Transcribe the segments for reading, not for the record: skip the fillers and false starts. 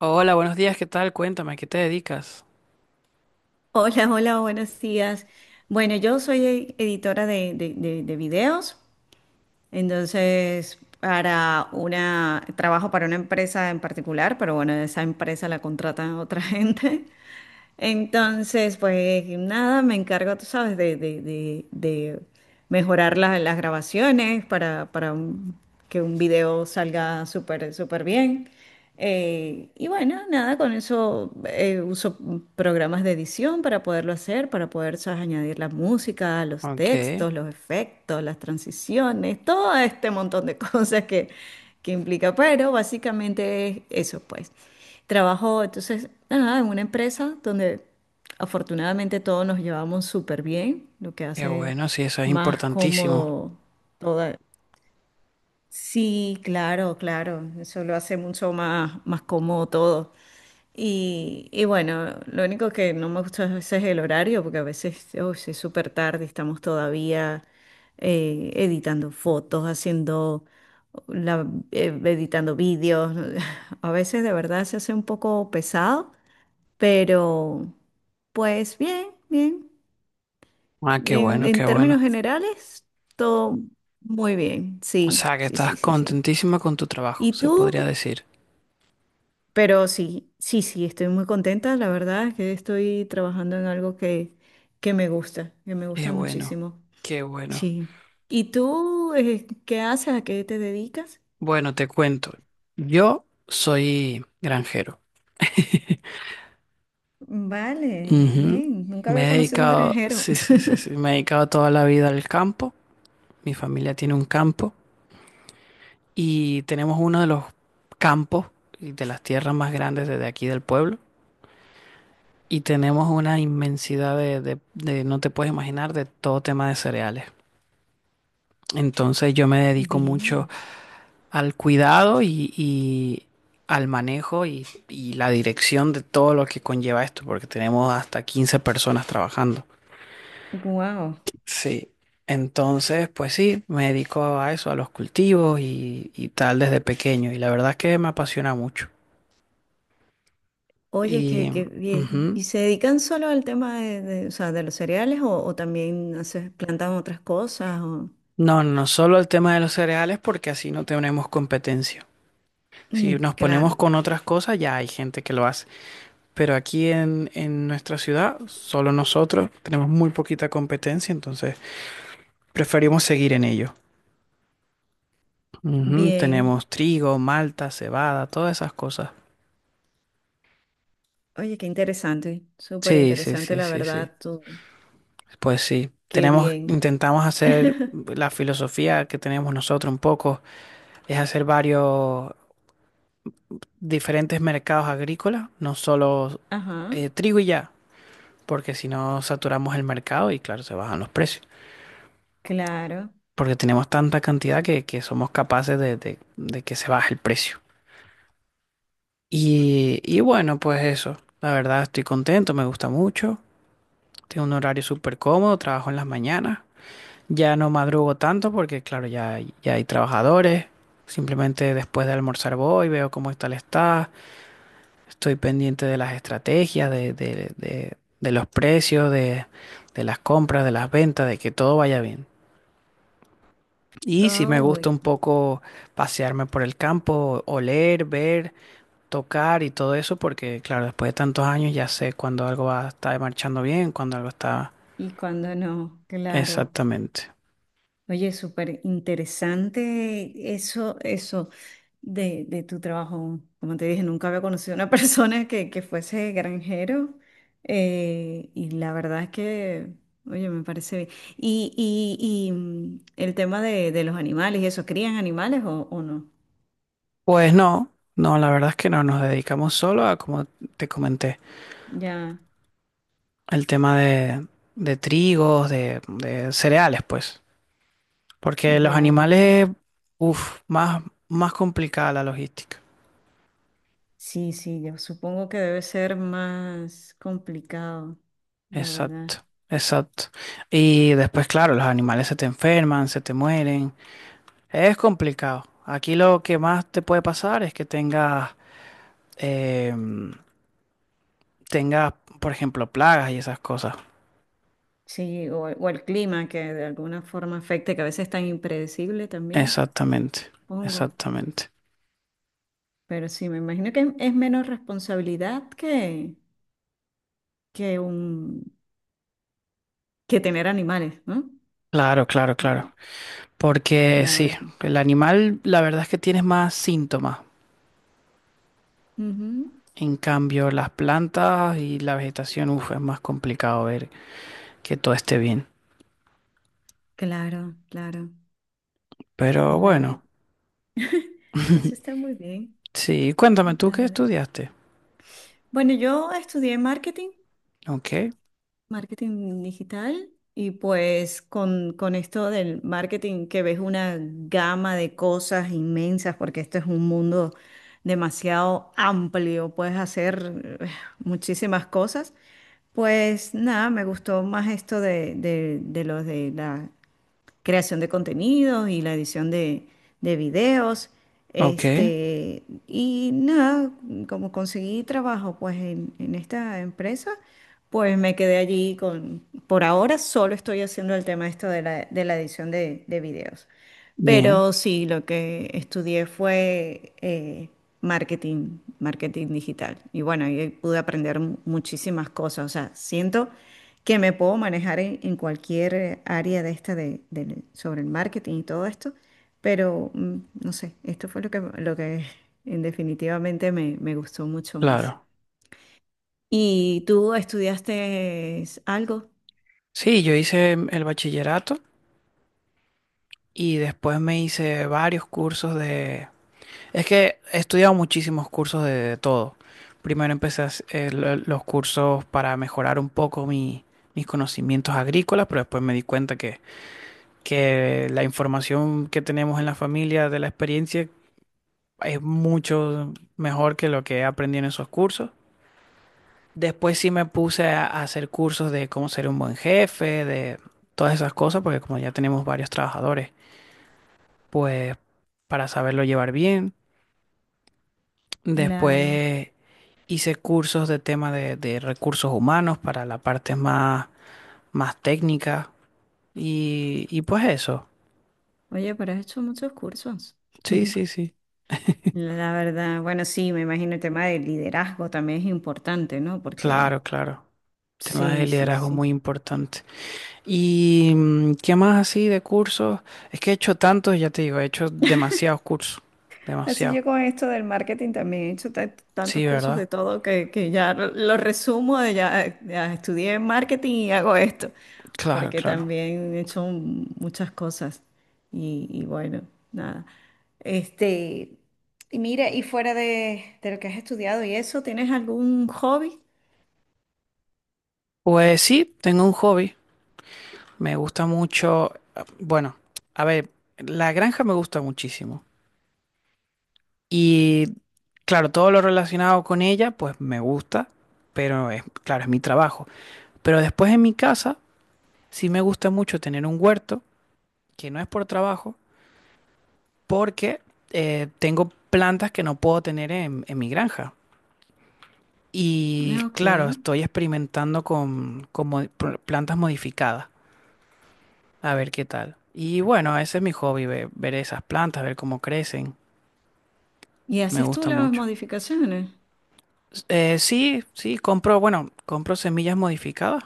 Hola, buenos días, ¿qué tal? Cuéntame, ¿a qué te dedicas? Hola, hola, buenos días. Bueno, yo soy editora de videos, entonces trabajo para una empresa en particular, pero bueno, esa empresa la contratan otra gente. Entonces, pues nada, me encargo, tú sabes, de mejorar las grabaciones para, que un video salga súper, súper bien. Y bueno, nada, con eso uso programas de edición para poderlo hacer, para poder, sabes, añadir la música, los Ok, textos, los efectos, las transiciones, todo este montón de que implica. Pero básicamente es eso, pues. Trabajo entonces nada, en una empresa donde afortunadamente todos nos llevamos súper bien, lo que qué hace bueno, sí, eso es más importantísimo. cómodo toda. Sí, claro, claro, eso lo hace mucho más, más cómodo todo. Y bueno, lo único que no me gusta a veces es el horario, porque a veces oh, sí es súper tarde, estamos todavía editando fotos, editando vídeos. A veces de verdad se hace un poco pesado, pero pues bien, bien. Ah, qué En, bueno, en qué términos bueno. generales, todo muy bien. O Sí, sea, que sí, estás sí, sí, sí. contentísima con tu trabajo, ¿Y se tú? podría decir. Pero sí, sí, sí, estoy muy contenta. La verdad es que estoy trabajando en algo que me Qué gusta bueno, muchísimo. qué bueno. Sí. ¿Y tú, qué haces? ¿A qué te dedicas? Bueno, te cuento. Yo soy granjero. Vale, Ujú. bien. Nunca había Me he conocido un dedicado, granjero. sí, sí, sí, sí, me he dedicado toda la vida al campo. Mi familia tiene un campo y tenemos uno de los campos y de las tierras más grandes desde aquí del pueblo. Y tenemos una inmensidad no te puedes imaginar, de todo tema de cereales. Entonces yo me dedico mucho Bien. al cuidado y al manejo y la dirección de todo lo que conlleva esto, porque tenemos hasta 15 personas trabajando. Wow. Sí. Entonces, pues sí, me dedico a eso, a los cultivos y tal desde pequeño. Y la verdad es que me apasiona mucho. Oye, qué, Y qué bien. ujú. ¿Y se dedican solo al tema o sea, de los cereales o también haces, plantan otras cosas? No, no solo el tema de los cereales, porque así no tenemos competencia. Si Mm, nos ponemos claro. con otras cosas, ya hay gente que lo hace. Pero aquí en nuestra ciudad, solo nosotros tenemos muy poquita competencia, entonces preferimos seguir en ello. Ujú, Bien. tenemos trigo, malta, cebada, todas esas cosas. Oye, qué interesante, súper Sí, sí, interesante, sí, la sí, sí. verdad, tú. Pues sí. Qué Tenemos, bien. intentamos hacer la filosofía que tenemos nosotros un poco, es hacer varios diferentes mercados agrícolas, no solo Ajá, trigo y ya, porque si no saturamos el mercado y claro, se bajan los precios. claro. Porque tenemos tanta cantidad que somos capaces de que se baje el precio. Y bueno, pues eso, la verdad estoy contento, me gusta mucho, tengo un horario súper cómodo, trabajo en las mañanas, ya no madrugo tanto porque claro, ya, ya hay trabajadores, simplemente después de almorzar voy, veo cómo está, estoy pendiente de las estrategias, de los precios, de las compras, de las ventas, de que todo vaya bien. Y sí me gusta Ay, un poco pasearme por el campo, oler, ver, tocar y todo eso, porque claro, después de tantos años ya sé cuando algo va, está marchando bien, cuando algo está y cuando no, claro. exactamente. Oye, súper interesante eso, eso de tu trabajo. Como te dije, nunca había conocido a una persona que fuese granjero. Y la verdad es que, oye, me parece bien. El tema de los animales y eso, ¿crían animales o no? Pues no, no, la verdad es que no, nos dedicamos solo a, como te comenté, Ya. el tema de trigos, de cereales, pues, porque los Ya, ya. animales, uff, más, más complicada la logística. Sí, sí, yo supongo que debe ser más complicado, la verdad. Exacto, exacto. Y después, claro, los animales se te enferman, se te mueren. Es complicado. Aquí lo que más te puede pasar es que tengas, em, tengas, por ejemplo, plagas y esas cosas. Sí, o el clima que de alguna forma afecte, que a veces es tan impredecible también, Exactamente, supongo. exactamente. Pero sí, me imagino que es menos responsabilidad que, que un, que tener animales, ¿no? Claro, claro, claro. Porque La sí, verdad. el animal, la verdad es que tienes más síntomas. Ujú. En cambio, las plantas y la vegetación, uf, es más complicado ver que todo esté bien. Claro, claro, Pero la verdad. bueno. Eso está muy bien, Sí, cuéntame, ¿tú la qué verdad. estudiaste? Bueno, yo estudié marketing. Ok, Marketing digital y pues con esto del marketing que ves una gama de cosas inmensas porque esto es un mundo demasiado amplio, puedes hacer muchísimas cosas. Pues nada, me gustó más esto de la creación de contenidos y la edición de videos. ok, Este, y nada, como conseguí trabajo pues en esta empresa, pues me quedé allí con, por ahora solo estoy haciendo el tema esto de de la edición de videos. bien, Pero sí, lo que estudié fue marketing, marketing digital. Y bueno, ahí pude aprender muchísimas cosas. O sea, siento que me puedo manejar en cualquier área de esta sobre el marketing y todo esto, pero no sé, esto fue lo que en definitivamente me, me gustó mucho más. claro. ¿Y tú estudiaste algo? Sí, yo hice el bachillerato y después me hice varios cursos de... Es que he estudiado muchísimos cursos de todo. Primero empecé a los cursos para mejorar un poco mis conocimientos agrícolas, pero después me di cuenta que la información que tenemos en la familia de la experiencia es mucho mejor que lo que aprendí en esos cursos. Después sí me puse a hacer cursos de cómo ser un buen jefe, de todas esas cosas, porque como ya tenemos varios trabajadores, pues para saberlo llevar bien. Claro. Después hice cursos de tema de recursos humanos para la parte más, más técnica. Y pues eso. Oye, pero has hecho muchos cursos. Sí, sí, sí. La verdad, bueno, sí, me imagino el tema del liderazgo también es importante, ¿no? Porque Claro, claro. Tema de sí, sí, liderazgo sí. muy importante. ¿Y qué más así de cursos? Es que he hecho tantos, ya te digo, he hecho demasiados cursos. Así Demasiado. yo con esto del marketing también he hecho tantos Sí, cursos ¿verdad? de todo que ya lo resumo de ya, ya estudié marketing y hago esto, Claro, porque claro. también he hecho muchas cosas y bueno, nada. Este, y mira, y fuera de lo que has estudiado y eso, ¿tienes algún hobby? Pues sí, tengo un hobby. Me gusta mucho. Bueno, a ver, la granja me gusta muchísimo. Y claro, todo lo relacionado con ella, pues me gusta, pero es, claro, es mi trabajo. Pero después en mi casa, sí me gusta mucho tener un huerto, que no es por trabajo, porque tengo plantas que no puedo tener en mi granja. Y Ah, ok. claro, estoy experimentando con plantas modificadas. A ver qué tal. Y bueno, ese es mi hobby, ver, esas plantas, ver cómo crecen. ¿Y Me haces tú gusta las mucho. modificaciones? Sí, sí, compro, bueno, compro semillas modificadas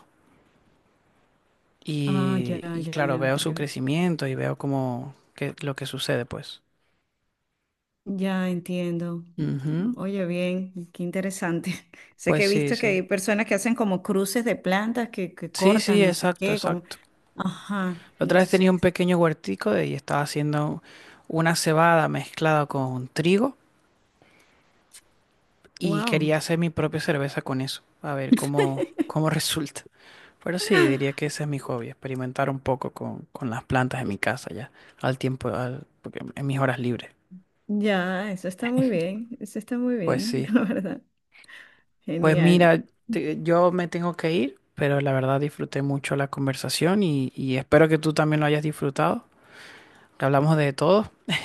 Ah, ya, y ya, claro, ya, veo su porque crecimiento y veo cómo, qué, lo que sucede, pues. ya entiendo. Ujú. Oye, bien, qué interesante. Sé que Pues he sí, visto que sí. hay personas que hacen como cruces de plantas que Sí, sí, cortan, no sé exacto, qué, como, exacto. ajá, La y otra vez tenía un entonces, pequeño y estaba haciendo una cebada mezclada con trigo. Y wow. quería hacer mi propia cerveza con eso, a ver cómo, cómo resulta. Pero sí, diría que ese es mi hobby, experimentar un poco con las plantas en mi casa ya, al tiempo, porque en mis horas libres. Ya, eso está muy bien, eso está muy Pues bien, sí. la verdad. Pues Genial. mira, yo me tengo que ir, pero la verdad disfruté mucho la conversación y espero que tú también lo hayas disfrutado. Hablamos de todo.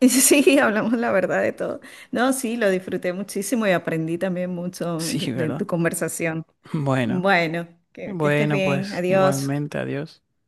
Sí, hablamos la verdad de todo. No, sí, lo disfruté muchísimo y aprendí también mucho Sí, de ¿verdad? tu conversación. Bueno, Bueno, que estés bueno, bien, pues adiós. igualmente, adiós.